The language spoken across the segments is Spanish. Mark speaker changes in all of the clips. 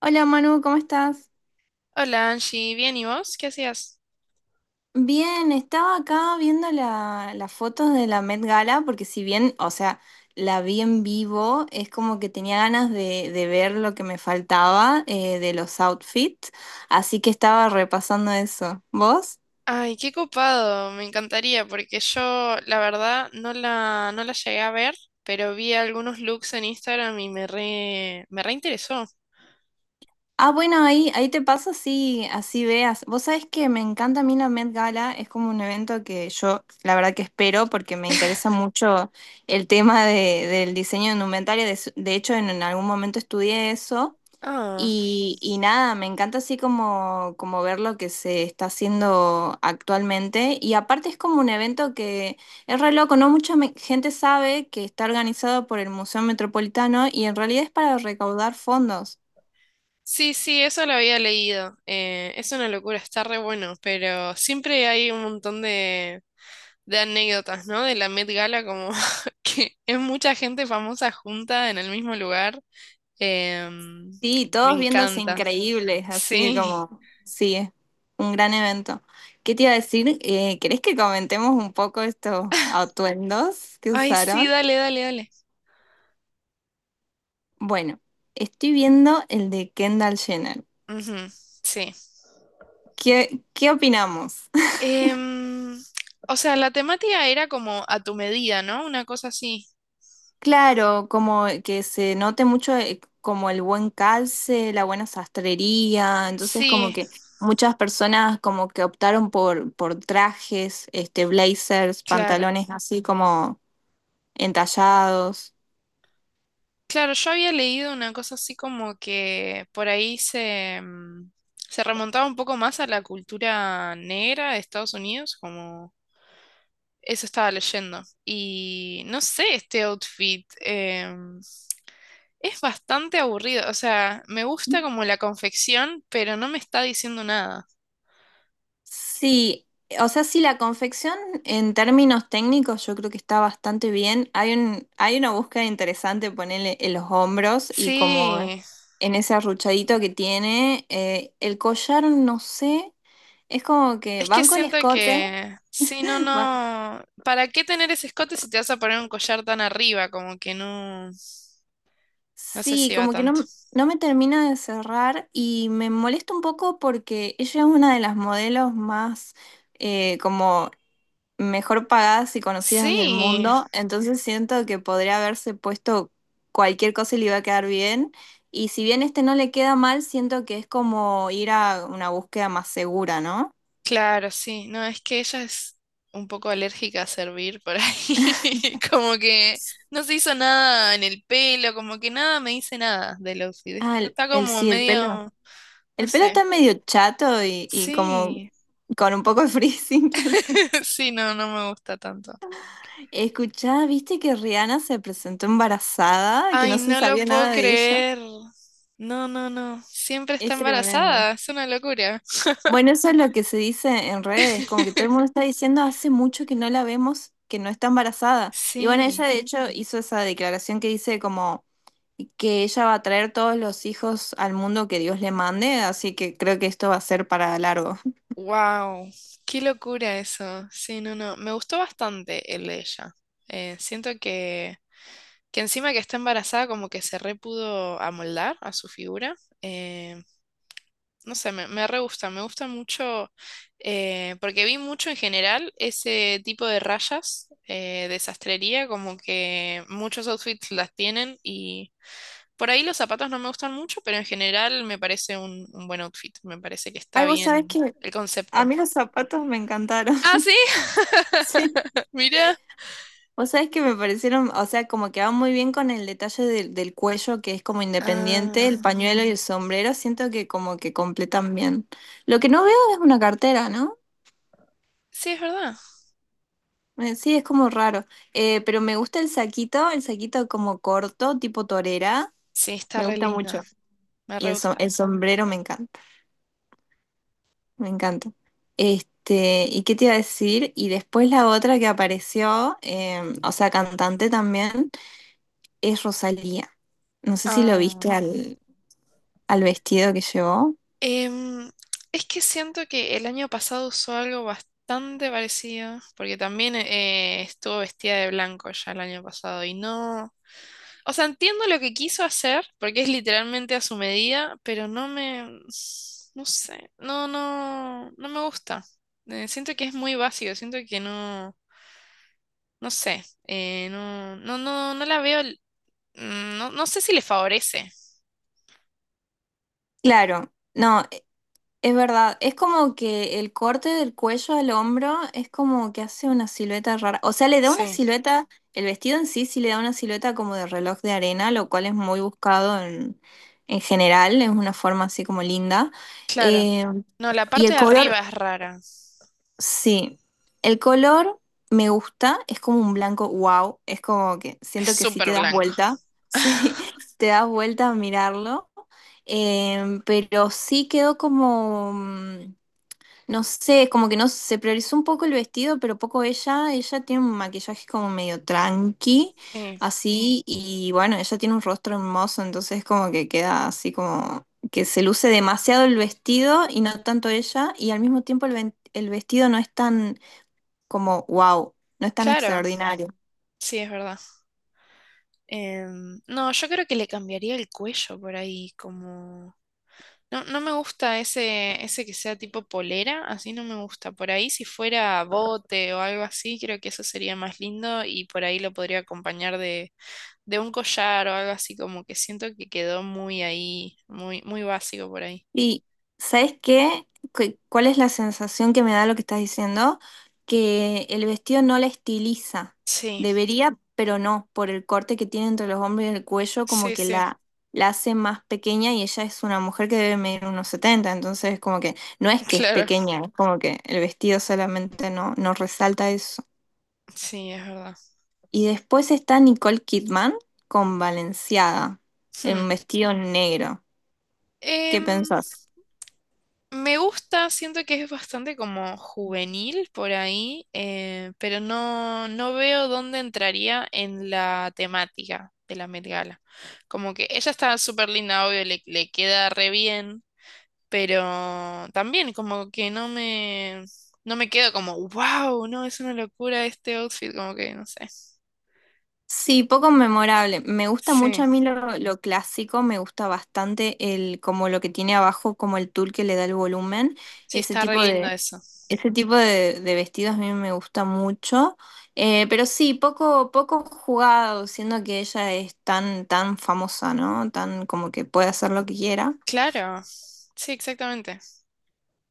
Speaker 1: Hola Manu, ¿cómo estás?
Speaker 2: Hola Angie, bien, ¿y vos? ¿Qué hacías?
Speaker 1: Bien, estaba acá viendo las fotos de la Met Gala, porque si bien, o sea, la vi en vivo, es como que tenía ganas de ver lo que me faltaba de los outfits, así que estaba repasando eso. ¿Vos?
Speaker 2: Ay, qué copado, me encantaría porque yo la verdad no la llegué a ver, pero vi algunos looks en Instagram y me reinteresó.
Speaker 1: Ah, bueno, ahí te paso así, así veas. Vos sabés que me encanta a mí la Met Gala, es como un evento que yo la verdad que espero porque me interesa mucho el tema del diseño de indumentaria, de, de hecho en algún momento estudié eso
Speaker 2: Ah,
Speaker 1: y nada, me encanta así como, como ver lo que se está haciendo actualmente y aparte es como un evento que es re loco, no mucha gente sabe que está organizado por el Museo Metropolitano y en realidad es para recaudar fondos.
Speaker 2: sí, sí, eso lo había leído. Es una locura, está re bueno, pero siempre hay un montón de anécdotas, ¿no? De la Met Gala, como que es mucha gente famosa junta en el mismo lugar. Em,
Speaker 1: Sí,
Speaker 2: me
Speaker 1: todos viéndose
Speaker 2: encanta.
Speaker 1: increíbles, así
Speaker 2: Sí.
Speaker 1: como, sí, es un gran evento. ¿Qué te iba a decir? ¿Querés que comentemos un poco estos atuendos que
Speaker 2: Ay, sí,
Speaker 1: usaron?
Speaker 2: dale, dale, dale.
Speaker 1: Bueno, estoy viendo el de Kendall Jenner.
Speaker 2: Ujú, sí.
Speaker 1: ¿Qué, qué opinamos?
Speaker 2: Em, o sea, la temática era como a tu medida, ¿no? Una cosa así.
Speaker 1: Claro, como que se note mucho como el buen calce, la buena sastrería, entonces como
Speaker 2: Sí,
Speaker 1: que muchas personas como que optaron por trajes, este, blazers,
Speaker 2: claro.
Speaker 1: pantalones así como entallados.
Speaker 2: Claro, yo había leído una cosa así como que por ahí se remontaba un poco más a la cultura negra de Estados Unidos, como eso estaba leyendo. Y no sé, este outfit es bastante aburrido. O sea, me gusta como la confección, pero no me está diciendo nada.
Speaker 1: Sí, o sea, sí, la confección en términos técnicos yo creo que está bastante bien. Hay un, hay una búsqueda interesante, ponerle en los hombros y como
Speaker 2: Sí,
Speaker 1: en ese arruchadito que tiene. El collar, no sé, es como que
Speaker 2: es que
Speaker 1: banco el
Speaker 2: siento
Speaker 1: escote.
Speaker 2: que, sí, no,
Speaker 1: ba-
Speaker 2: no, ¿para qué tener ese escote si te vas a poner un collar tan arriba? Como que no, no sé
Speaker 1: Sí,
Speaker 2: si va
Speaker 1: como que
Speaker 2: tanto.
Speaker 1: no, no me termina de cerrar y me molesta un poco porque ella es una de las modelos más... como mejor pagadas y conocidas del
Speaker 2: Sí,
Speaker 1: mundo, entonces siento que podría haberse puesto cualquier cosa y le iba a quedar bien. Y si bien este no le queda mal, siento que es como ir a una búsqueda más segura, ¿no?
Speaker 2: claro, sí, no, es que ella es un poco alérgica a servir por ahí, como que no se hizo nada en el pelo, como que nada me dice nada del outfit,
Speaker 1: Ah,
Speaker 2: está como
Speaker 1: sí, el pelo.
Speaker 2: medio, no
Speaker 1: El pelo
Speaker 2: sé,
Speaker 1: está medio chato y como
Speaker 2: sí,
Speaker 1: con un poco de frizz inclusive.
Speaker 2: sí, no, no me gusta tanto.
Speaker 1: Escuchá, ¿viste que Rihanna se presentó embarazada? Que
Speaker 2: Ay,
Speaker 1: no se
Speaker 2: no lo
Speaker 1: sabía
Speaker 2: puedo
Speaker 1: nada de ella.
Speaker 2: creer. No, no, no. Siempre está
Speaker 1: Es tremendo.
Speaker 2: embarazada. Es una locura.
Speaker 1: Bueno, eso es lo que se dice en redes, como que todo el mundo está diciendo hace mucho que no la vemos, que no está embarazada. Y bueno, ella
Speaker 2: Sí.
Speaker 1: de hecho hizo esa declaración que dice como que ella va a traer todos los hijos al mundo que Dios le mande, así que creo que esto va a ser para largo.
Speaker 2: Wow. Qué locura eso. Sí, no, no. Me gustó bastante el de ella. Siento que encima que está embarazada, como que se re pudo amoldar a su figura. Eh, no sé, me re gusta. Me gusta mucho. Eh, porque vi mucho en general ese tipo de rayas de sastrería. Como que muchos outfits las tienen y. Por ahí los zapatos no me gustan mucho, pero en general me parece un buen outfit. Me parece que está
Speaker 1: Ay, vos sabés
Speaker 2: bien
Speaker 1: que
Speaker 2: el
Speaker 1: a
Speaker 2: concepto.
Speaker 1: mí los zapatos me encantaron,
Speaker 2: Ah, sí,
Speaker 1: sí.
Speaker 2: mira.
Speaker 1: Vos sabés que me parecieron, o sea, como que va muy bien con el detalle del cuello, que es como independiente,
Speaker 2: Ah,
Speaker 1: el pañuelo y el sombrero, siento que como que completan bien. Lo que no veo es una cartera, ¿no?
Speaker 2: sí, es verdad.
Speaker 1: Sí, es como raro. Pero me gusta el saquito como corto, tipo torera,
Speaker 2: Sí, está
Speaker 1: me
Speaker 2: re
Speaker 1: gusta
Speaker 2: lindo.
Speaker 1: mucho.
Speaker 2: Me
Speaker 1: Y
Speaker 2: re gusta.
Speaker 1: el sombrero me encanta, me encanta. Este, ¿y qué te iba a decir? Y después la otra que apareció, o sea, cantante también, es Rosalía. No sé si lo
Speaker 2: Ah,
Speaker 1: viste al vestido que llevó.
Speaker 2: em, es que siento que el año pasado usó algo bastante parecido, porque también estuvo vestida de blanco ya el año pasado y no. O sea, entiendo lo que quiso hacer, porque es literalmente a su medida, pero no sé, no, no, no me gusta. Siento que es muy básico, siento que no, no sé, no, no, no, no la veo, no, no sé si le favorece.
Speaker 1: Claro, no, es verdad, es como que el corte del cuello al hombro es como que hace una silueta rara. O sea, le da una
Speaker 2: Sí,
Speaker 1: silueta, el vestido en sí sí le da una silueta como de reloj de arena, lo cual es muy buscado en general, es una forma así como linda.
Speaker 2: claro.
Speaker 1: Eh,
Speaker 2: No, la
Speaker 1: y
Speaker 2: parte
Speaker 1: el
Speaker 2: de
Speaker 1: color,
Speaker 2: arriba es rara,
Speaker 1: sí, el color me gusta, es como un blanco, wow, es como que
Speaker 2: es
Speaker 1: siento que si te
Speaker 2: súper
Speaker 1: das
Speaker 2: blanco.
Speaker 1: vuelta, sí, te das vuelta a mirarlo. Pero sí quedó como... no sé, es como que no se priorizó un poco el vestido, pero poco ella. Ella tiene un maquillaje como medio tranqui,
Speaker 2: Sí,
Speaker 1: así, y bueno, ella tiene un rostro hermoso, entonces como que queda así como que se luce demasiado el vestido y no tanto ella, y al mismo tiempo el vestido no es tan como wow, no es tan
Speaker 2: claro,
Speaker 1: extraordinario.
Speaker 2: sí, es verdad. Em, no, yo creo que le cambiaría el cuello por ahí, como... No, no me gusta ese que sea tipo polera, así no me gusta. Por ahí si fuera bote o algo así, creo que eso sería más lindo y por ahí lo podría acompañar de un collar o algo así, como que siento que quedó muy ahí, muy, muy básico por ahí.
Speaker 1: Y, ¿sabes qué? ¿Cuál es la sensación que me da lo que estás diciendo? Que el vestido no la estiliza.
Speaker 2: Sí,
Speaker 1: Debería, pero no, por el corte que tiene entre los hombros y el cuello, como
Speaker 2: sí,
Speaker 1: que
Speaker 2: sí,
Speaker 1: la hace más pequeña y ella es una mujer que debe medir unos 70, entonces como que no es que es
Speaker 2: claro,
Speaker 1: pequeña, es como que el vestido solamente no, no resalta eso.
Speaker 2: sí, es verdad.
Speaker 1: Y después está Nicole Kidman con Balenciaga, en
Speaker 2: Hmm.
Speaker 1: un vestido negro. ¿Qué
Speaker 2: Em,
Speaker 1: pensás?
Speaker 2: me gusta, siento que es bastante como juvenil por ahí, pero no, no veo dónde entraría en la temática de la Met Gala. Como que ella está súper linda, obvio, le queda re bien, pero también como que no me quedo como, wow, no, es una locura este outfit, como que no sé.
Speaker 1: Sí, poco memorable. Me gusta mucho
Speaker 2: Sí,
Speaker 1: a mí lo clásico, me gusta bastante el como lo que tiene abajo, como el tul que le da el volumen.
Speaker 2: sí,
Speaker 1: Ese
Speaker 2: está re
Speaker 1: tipo
Speaker 2: lindo
Speaker 1: de,
Speaker 2: eso.
Speaker 1: ese tipo de vestidos a mí me gusta mucho. Pero sí, poco, poco jugado, siendo que ella es tan, tan famosa, ¿no? Tan como que puede hacer lo que quiera.
Speaker 2: Claro, sí, exactamente.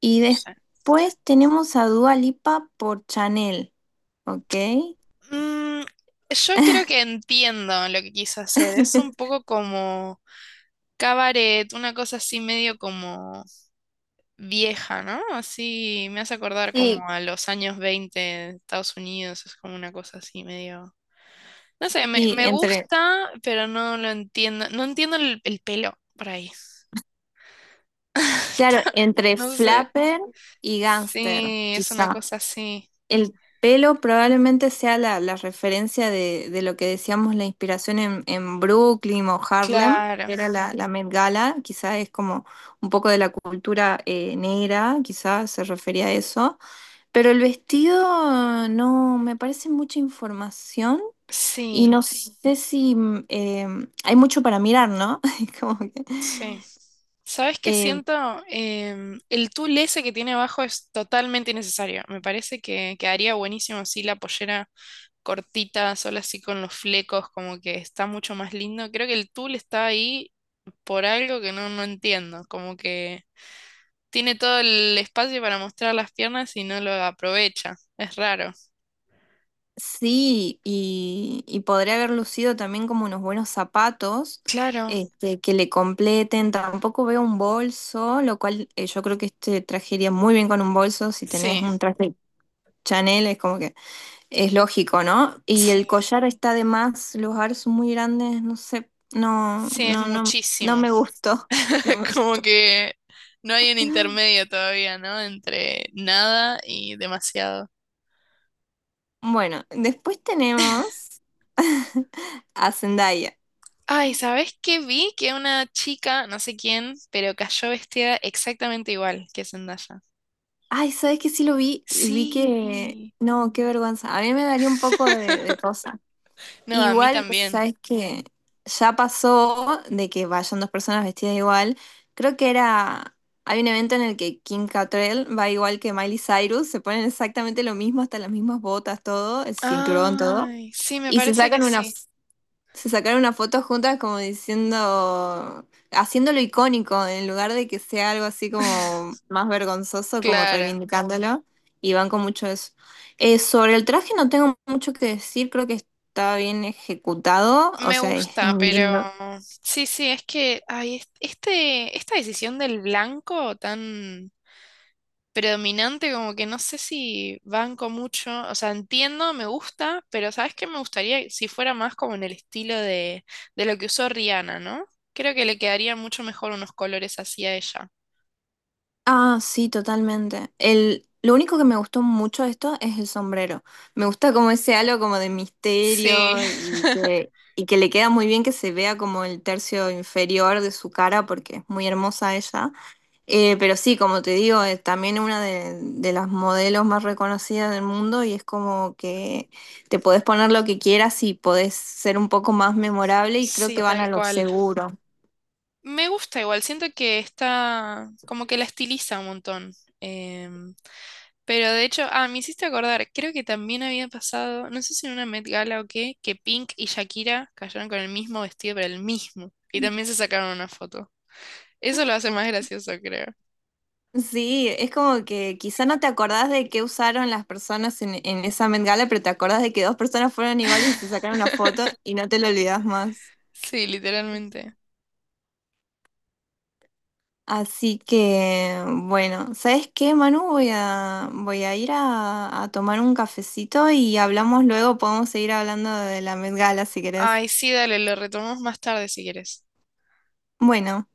Speaker 1: Y después tenemos a Dua Lipa por Chanel, ¿ok?
Speaker 2: Mm, yo creo que entiendo lo que quiso hacer. Es un poco como cabaret, una cosa así medio como vieja, ¿no? Así me hace acordar
Speaker 1: Sí,
Speaker 2: como a los años 20 de Estados Unidos. Es como una cosa así medio... No sé, me,
Speaker 1: Sí,
Speaker 2: me
Speaker 1: entre,
Speaker 2: gusta, pero no lo entiendo. No entiendo el pelo por ahí.
Speaker 1: claro, entre
Speaker 2: No sé.
Speaker 1: flapper y gangster,
Speaker 2: Sí, es una
Speaker 1: quizá.
Speaker 2: cosa así.
Speaker 1: El pelo probablemente sea la referencia de lo que decíamos, la inspiración en Brooklyn o Harlem,
Speaker 2: Claro,
Speaker 1: que era la Met Gala, quizá es como un poco de la cultura negra, quizá se refería a eso. Pero el vestido no, me parece mucha información y
Speaker 2: sí.
Speaker 1: no sé si hay mucho para mirar, ¿no? Es como que,
Speaker 2: Sí. ¿Sabes qué
Speaker 1: eh,
Speaker 2: siento? Em, el tul ese que tiene abajo es totalmente innecesario. Me parece que quedaría buenísimo así la pollera cortita, sola así con los flecos, como que está mucho más lindo. Creo que el tul está ahí por algo que no entiendo, como que tiene todo el espacio para mostrar las piernas y no lo aprovecha. Es raro.
Speaker 1: sí, y podría haber lucido también como unos buenos zapatos
Speaker 2: Claro,
Speaker 1: este, que le completen. Tampoco veo un bolso, lo cual yo creo que este trajería muy bien con un bolso. Si tenés
Speaker 2: sí,
Speaker 1: un traje Chanel, es como que es lógico, ¿no? Y
Speaker 2: sí,
Speaker 1: el collar está de más, los aros son muy grandes, no sé, no,
Speaker 2: sí, es
Speaker 1: no, no, no
Speaker 2: muchísimo.
Speaker 1: me gustó. No me-
Speaker 2: Como que no hay un intermedio todavía, ¿no? Entre nada y demasiado.
Speaker 1: Bueno, después tenemos a Zendaya.
Speaker 2: Ay, ¿sabés qué vi? Que una chica, no sé quién, pero cayó vestida exactamente igual que Zendaya.
Speaker 1: Ay, ¿sabes que sí lo vi, vi que...
Speaker 2: Sí.
Speaker 1: No, qué vergüenza. A mí me daría un poco de cosa.
Speaker 2: No, a mí
Speaker 1: Igual,
Speaker 2: también.
Speaker 1: ¿sabes que ya pasó de que vayan dos personas vestidas igual? Creo que era... Hay un evento en el que Kim Cattrall va igual que Miley Cyrus, se ponen exactamente lo mismo, hasta las mismas botas, todo, el cinturón, todo,
Speaker 2: Ay, sí, me
Speaker 1: y
Speaker 2: parece que sí.
Speaker 1: se sacaron una foto juntas como diciendo, haciéndolo icónico, en lugar de que sea algo así como más vergonzoso, como
Speaker 2: Claro,
Speaker 1: reivindicándolo, y van con mucho eso. Sobre el traje no tengo mucho que decir, creo que está bien ejecutado, o
Speaker 2: me
Speaker 1: sea, es
Speaker 2: gusta,
Speaker 1: un
Speaker 2: pero
Speaker 1: lindo.
Speaker 2: sí, sí, es que ay, esta decisión del blanco tan predominante, como que no sé si banco mucho, o sea, entiendo, me gusta, pero ¿sabes qué? Me gustaría si fuera más como en el estilo de lo que usó Rihanna, ¿no? Creo que le quedaría mucho mejor unos colores así a ella.
Speaker 1: Ah, sí, totalmente. Lo único que me gustó mucho de esto es el sombrero. Me gusta como ese halo como de
Speaker 2: Sí,
Speaker 1: misterio y que le queda muy bien que se vea como el tercio inferior de su cara porque es muy hermosa ella. Pero sí, como te digo, es también una de las modelos más reconocidas del mundo y es como que te podés poner lo que quieras y podés ser un poco más memorable y creo
Speaker 2: sí,
Speaker 1: que van
Speaker 2: tal
Speaker 1: a lo
Speaker 2: cual.
Speaker 1: seguro.
Speaker 2: Me gusta igual, siento que está como que la estiliza un montón. Em, pero de hecho, ah, me hiciste acordar, creo que también había pasado, no sé si en una Met Gala o qué, que Pink y Shakira cayeron con el mismo vestido, pero el mismo. Y también se sacaron una foto. Eso lo hace más gracioso, creo.
Speaker 1: Sí, es como que quizá no te acordás de qué usaron las personas en esa Met Gala, pero te acordás de que dos personas fueron iguales y se sacaron una foto y no te lo olvidás más.
Speaker 2: Sí, literalmente.
Speaker 1: Así que, bueno, ¿sabes qué, Manu? Voy a, voy a ir a tomar un cafecito y hablamos luego, podemos seguir hablando de la Met Gala si querés.
Speaker 2: Ay, sí, dale, lo retomamos más tarde si quieres.
Speaker 1: Bueno.